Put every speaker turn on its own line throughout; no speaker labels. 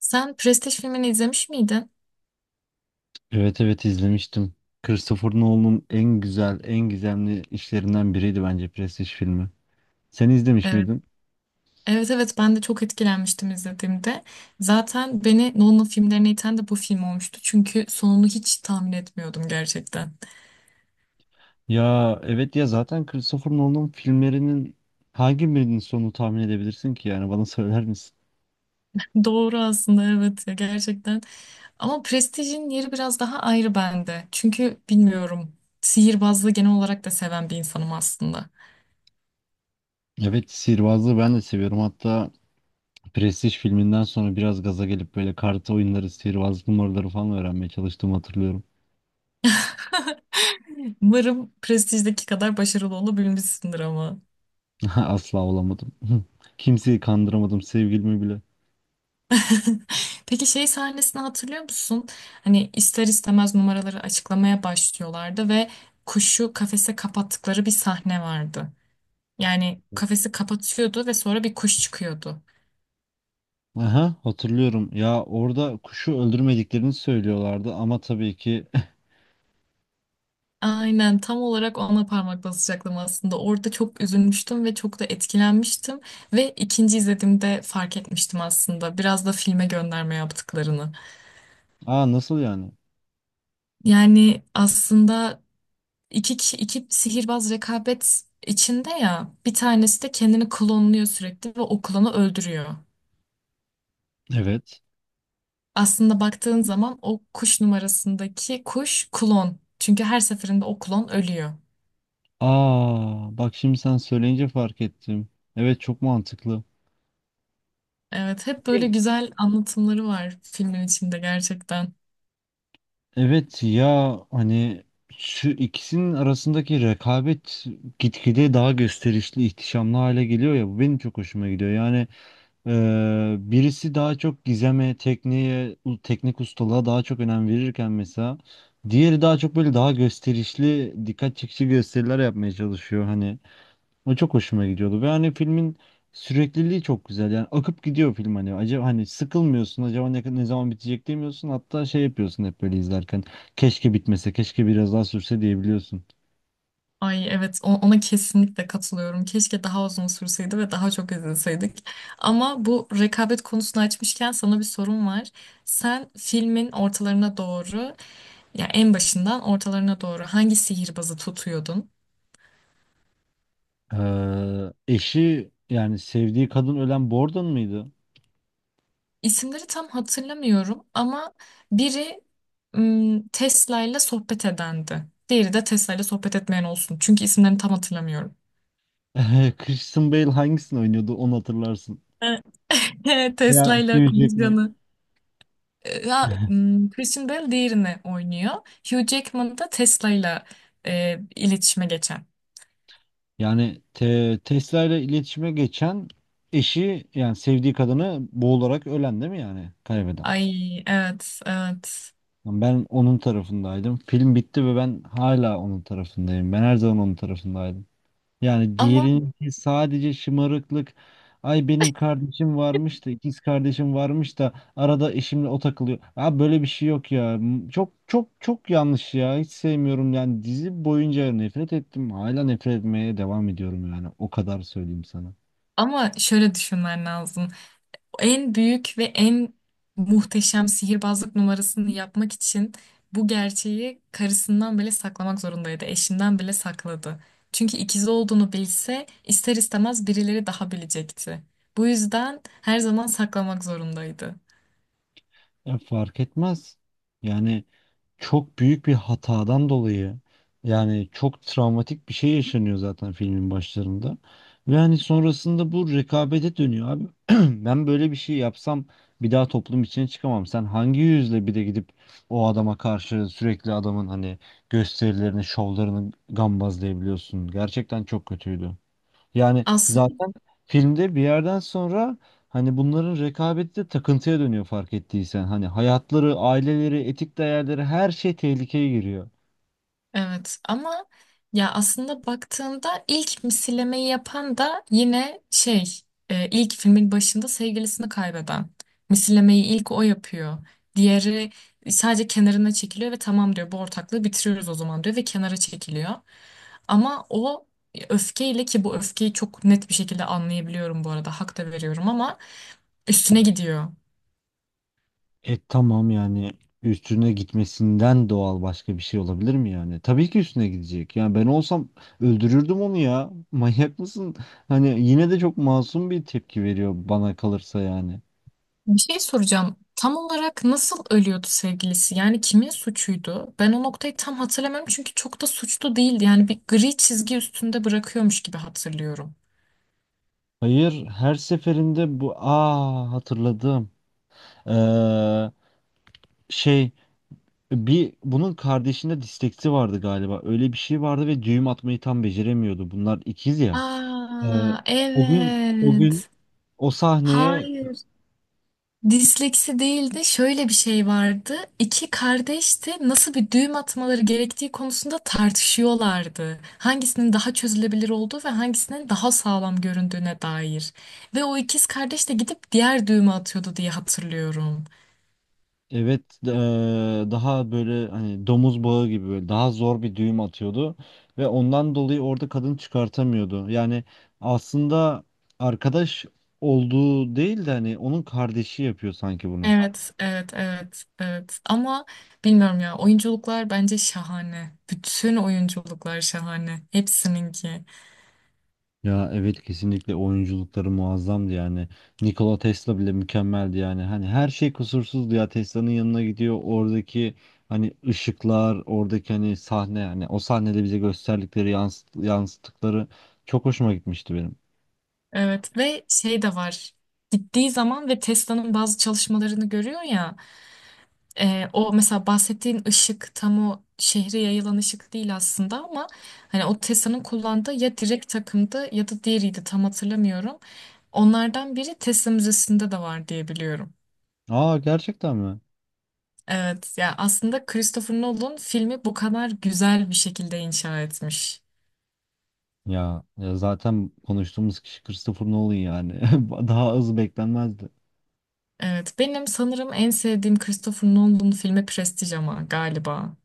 Sen Prestij filmini izlemiş miydin?
Evet evet izlemiştim. Christopher Nolan'ın en güzel, en gizemli işlerinden biriydi bence Prestige filmi. Sen izlemiş
Evet.
miydin?
Evet evet ben de çok etkilenmiştim izlediğimde. Zaten beni Nolan filmlerine iten de bu film olmuştu. Çünkü sonunu hiç tahmin etmiyordum gerçekten.
Ya evet ya zaten Christopher Nolan'ın filmlerinin hangi birinin sonunu tahmin edebilirsin ki yani bana söyler misin?
Doğru aslında, evet ya, gerçekten. Ama Prestige'in yeri biraz daha ayrı bende. Çünkü bilmiyorum, sihirbazlığı genel olarak da seven bir insanım aslında.
Evet sihirbazlığı ben de seviyorum. Hatta Prestige filminden sonra biraz gaza gelip böyle kart oyunları, sihirbazlık numaraları falan öğrenmeye çalıştığımı hatırlıyorum.
Umarım Prestige'deki kadar başarılı olabilmişsindir ama.
Asla olamadım. Kimseyi kandıramadım, sevgilimi bile.
Peki şey sahnesini hatırlıyor musun? Hani ister istemez numaraları açıklamaya başlıyorlardı ve kuşu kafese kapattıkları bir sahne vardı. Yani kafesi kapatıyordu ve sonra bir kuş çıkıyordu.
Aha, hatırlıyorum. Ya orada kuşu öldürmediklerini söylüyorlardı ama tabii ki.
Aynen, tam olarak ona parmak basacaktım aslında. Orada çok üzülmüştüm ve çok da etkilenmiştim. Ve ikinci izlediğimde fark etmiştim aslında, biraz da filme gönderme yaptıklarını.
Aa nasıl yani?
Yani aslında İki, kişi, iki sihirbaz rekabet içinde ya, bir tanesi de kendini klonluyor sürekli ve o klonu öldürüyor.
Evet.
Aslında baktığın zaman o kuş numarasındaki kuş klon. Çünkü her seferinde o klon ölüyor.
Aa bak, şimdi sen söyleyince fark ettim. Evet, çok mantıklı.
Evet, hep böyle
Kim?
güzel anlatımları var filmin içinde gerçekten.
Evet ya hani şu ikisinin arasındaki rekabet gitgide daha gösterişli, ihtişamlı hale geliyor ya, bu benim çok hoşuma gidiyor. Yani birisi daha çok gizeme, tekniğe, teknik ustalığa daha çok önem verirken mesela diğeri daha çok böyle daha gösterişli, dikkat çekici gösteriler yapmaya çalışıyor hani. O çok hoşuma gidiyordu ve hani filmin sürekliliği çok güzel. Yani akıp gidiyor film hani. Acaba hani sıkılmıyorsun. Acaba ne zaman bitecek demiyorsun. Hatta şey yapıyorsun hep böyle izlerken. Keşke bitmese, keşke biraz daha sürse diyebiliyorsun.
Ay evet, ona kesinlikle katılıyorum. Keşke daha uzun sürseydi ve daha çok izleseydik. Ama bu rekabet konusunu açmışken sana bir sorum var. Sen filmin ortalarına doğru, ya en başından ortalarına doğru, hangi sihirbazı tutuyordun?
Eşi yani sevdiği kadın ölen Borden mıydı?
İsimleri tam hatırlamıyorum ama biri Tesla ile sohbet edendi. Diğeri de Tesla ile sohbet etmeyen olsun. Çünkü isimlerini tam hatırlamıyorum.
Christian Bale hangisini oynuyordu onu hatırlarsın.
Tesla
Ya
ile
Hugh Jackman.
konuşanı. Christian Bale diğerini oynuyor. Hugh Jackman da Tesla'yla iletişime geçen.
Yani Tesla ile iletişime geçen eşi yani sevdiği kadını boğularak ölen değil mi yani kaybeden?
Ay evet evet.
Yani ben onun tarafındaydım. Film bitti ve ben hala onun tarafındayım. Ben her zaman onun tarafındaydım. Yani
Ama
diğerinki sadece şımarıklık. Ay benim kardeşim varmış da ikiz kardeşim varmış da arada eşimle o takılıyor. Ha, böyle bir şey yok ya. Çok çok çok yanlış ya. Hiç sevmiyorum, yani dizi boyunca nefret ettim. Hala nefret etmeye devam ediyorum yani. O kadar söyleyeyim sana.
ama şöyle düşünmen lazım. En büyük ve en muhteşem sihirbazlık numarasını yapmak için bu gerçeği karısından bile saklamak zorundaydı. Eşinden bile sakladı. Çünkü ikizi olduğunu bilse ister istemez birileri daha bilecekti. Bu yüzden her zaman saklamak zorundaydı.
Ya fark etmez. Yani çok büyük bir hatadan dolayı, yani çok travmatik bir şey yaşanıyor zaten filmin başlarında. Ve hani sonrasında bu rekabete dönüyor abi. Ben böyle bir şey yapsam bir daha toplum içine çıkamam. Sen hangi yüzle bir de gidip o adama karşı sürekli adamın hani gösterilerini, şovlarını gambazlayabiliyorsun. Gerçekten çok kötüydü. Yani
Aslında.
zaten filmde bir yerden sonra hani bunların rekabeti de takıntıya dönüyor, fark ettiysen. Hani hayatları, aileleri, etik değerleri, her şey tehlikeye giriyor.
Evet ama, ya aslında baktığında ilk misillemeyi yapan da yine ilk filmin başında sevgilisini kaybeden. Misillemeyi ilk o yapıyor. Diğeri sadece kenarına çekiliyor ve tamam diyor, bu ortaklığı bitiriyoruz o zaman diyor ve kenara çekiliyor. Ama o öfkeyle, ki bu öfkeyi çok net bir şekilde anlayabiliyorum bu arada, hak da veriyorum ama üstüne gidiyor.
E tamam, yani üstüne gitmesinden doğal başka bir şey olabilir mi yani? Tabii ki üstüne gidecek. Yani ben olsam öldürürdüm onu ya. Manyak mısın? Hani yine de çok masum bir tepki veriyor bana kalırsa yani.
Bir şey soracağım. Tam olarak nasıl ölüyordu sevgilisi? Yani kimin suçuydu? Ben o noktayı tam hatırlamıyorum, çünkü çok da suçlu değildi. Yani bir gri çizgi üstünde bırakıyormuş gibi hatırlıyorum.
Hayır, her seferinde bu, aa, hatırladım. Ee, şey Bir, bunun kardeşinde disteksi vardı galiba. Öyle bir şey vardı ve düğüm atmayı tam beceremiyordu. Bunlar ikiz ya. Ee,
Aa,
o gün
evet.
o sahneye
Hayır. Disleksi değil de şöyle bir şey vardı. İki kardeş de nasıl bir düğüm atmaları gerektiği konusunda tartışıyorlardı. Hangisinin daha çözülebilir olduğu ve hangisinin daha sağlam göründüğüne dair. Ve o ikiz kardeş de gidip diğer düğümü atıyordu diye hatırlıyorum.
evet, daha böyle hani domuz bağı gibi böyle daha zor bir düğüm atıyordu ve ondan dolayı orada kadın çıkartamıyordu. Yani aslında arkadaş olduğu değil de hani onun kardeşi yapıyor sanki bunu.
Evet, evet, evet, evet. Ama bilmiyorum ya, oyunculuklar bence şahane. Bütün oyunculuklar şahane. Hepsininki.
Ya evet, kesinlikle oyunculukları muazzamdı yani. Nikola Tesla bile mükemmeldi yani. Hani her şey kusursuzdu ya. Tesla'nın yanına gidiyor. Oradaki hani ışıklar, oradaki hani sahne, hani o sahnede bize gösterdikleri yansıttıkları çok hoşuma gitmişti benim.
Evet ve şey de var. Gittiği zaman ve Tesla'nın bazı çalışmalarını görüyor ya. O mesela bahsettiğin ışık tam o şehre yayılan ışık değil aslında, ama hani o Tessa'nın kullandığı ya direkt takımdı ya da diğeriydi tam hatırlamıyorum. Onlardan biri Tessa Müzesi'nde de var diye biliyorum.
Aa, gerçekten mi?
Evet ya, aslında Christopher Nolan filmi bu kadar güzel bir şekilde inşa etmiş.
Ya, ya zaten konuştuğumuz kişi Christopher Nolan yani. Daha az beklenmezdi.
Evet, benim sanırım en sevdiğim Christopher Nolan filmi Prestige ama galiba.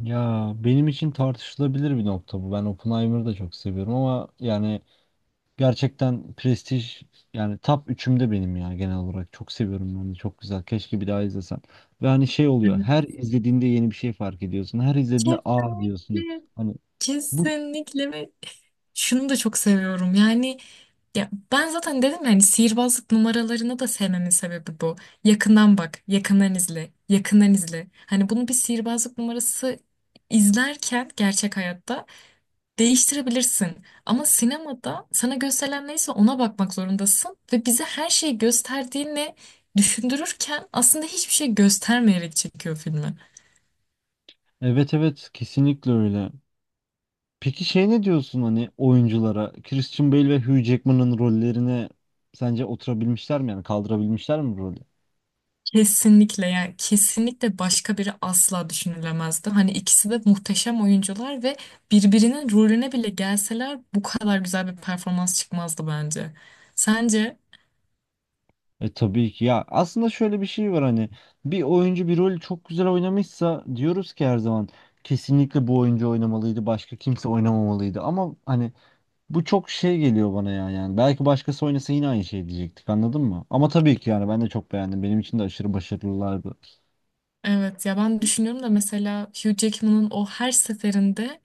Ya benim için tartışılabilir bir nokta bu. Ben Oppenheimer'ı da çok seviyorum ama yani gerçekten prestij yani top 3'ümde benim ya genel olarak. Çok seviyorum ben de. Çok güzel. Keşke bir daha izlesem. Ve hani şey oluyor.
Evet.
Her izlediğinde yeni bir şey fark ediyorsun. Her izlediğinde aa diyorsun.
Kesinlikle.
Hani bu
Kesinlikle ve şunu da çok seviyorum. Yani, ya ben zaten dedim, yani sihirbazlık numaralarını da sevmemin sebebi bu. Yakından bak, yakından izle, yakından izle. Hani bunu bir sihirbazlık numarası izlerken gerçek hayatta değiştirebilirsin. Ama sinemada sana gösterilen neyse ona bakmak zorundasın ve bize her şeyi gösterdiğini düşündürürken aslında hiçbir şey göstermeyerek çekiyor filmi.
evet evet, kesinlikle öyle. Peki şey ne diyorsun hani oyunculara? Christian Bale ve Hugh Jackman'ın rollerine sence oturabilmişler mi? Yani kaldırabilmişler mi rolü?
Kesinlikle, yani kesinlikle başka biri asla düşünülemezdi. Hani ikisi de muhteşem oyuncular ve birbirinin rolüne bile gelseler bu kadar güzel bir performans çıkmazdı bence. Sence?
E tabii ki ya, aslında şöyle bir şey var hani bir oyuncu bir rolü çok güzel oynamışsa diyoruz ki her zaman kesinlikle bu oyuncu oynamalıydı, başka kimse oynamamalıydı, ama hani bu çok şey geliyor bana ya, yani belki başkası oynasa yine aynı şey diyecektik, anladın mı? Ama tabii ki yani ben de çok beğendim, benim için de aşırı başarılılardı.
Evet ya, ben düşünüyorum da mesela Hugh Jackman'ın o her seferinde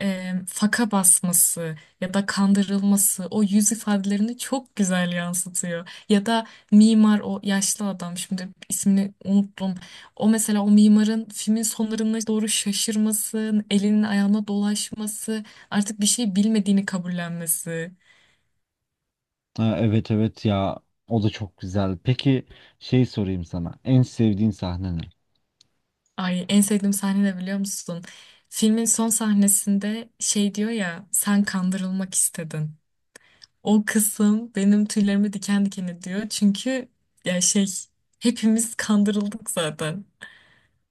faka basması ya da kandırılması, o yüz ifadelerini çok güzel yansıtıyor. Ya da mimar, o yaşlı adam, şimdi ismini unuttum. O mesela, o mimarın filmin sonlarına doğru şaşırması, elinin ayağına dolaşması, artık bir şey bilmediğini kabullenmesi.
Ha, evet evet ya o da çok güzel. Peki şey sorayım sana, en sevdiğin sahne ne?
Ay, en sevdiğim sahne de biliyor musun? Filmin son sahnesinde şey diyor ya, sen kandırılmak istedin. O kısım benim tüylerimi diken diken ediyor. Çünkü ya şey, hepimiz kandırıldık zaten.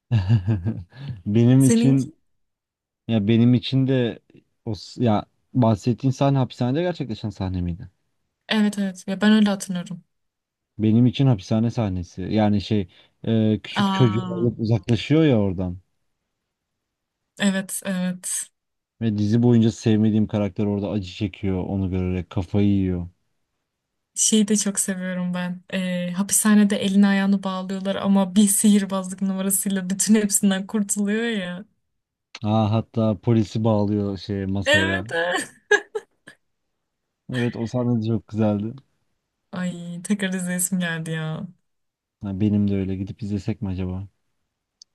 Benim
Senin,
için ya benim için de ya bahsettiğin sahne hapishanede gerçekleşen sahne miydi?
evet evet ya, ben öyle hatırlıyorum.
Benim için hapishane sahnesi. Yani şey, küçük çocuğu
Aa
alıp uzaklaşıyor ya oradan.
evet evet.
Ve dizi boyunca sevmediğim karakter orada acı çekiyor, onu görerek kafayı yiyor.
Şeyi de çok seviyorum ben. Hapishanede elini ayağını bağlıyorlar ama bir sihirbazlık numarasıyla bütün hepsinden kurtuluyor ya.
Aa, hatta polisi bağlıyor şey masaya.
Evet. Evet.
Evet, o sahne de çok güzeldi.
Ay, tekrar izleyesim geldi ya.
Ha, benim de öyle. Gidip izlesek mi acaba?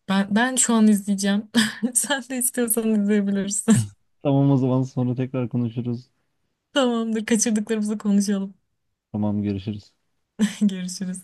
Ben şu an izleyeceğim. Sen de istiyorsan izleyebilirsin.
Tamam, o zaman sonra tekrar konuşuruz.
Tamamdır. Kaçırdıklarımızı konuşalım.
Tamam, görüşürüz.
Görüşürüz.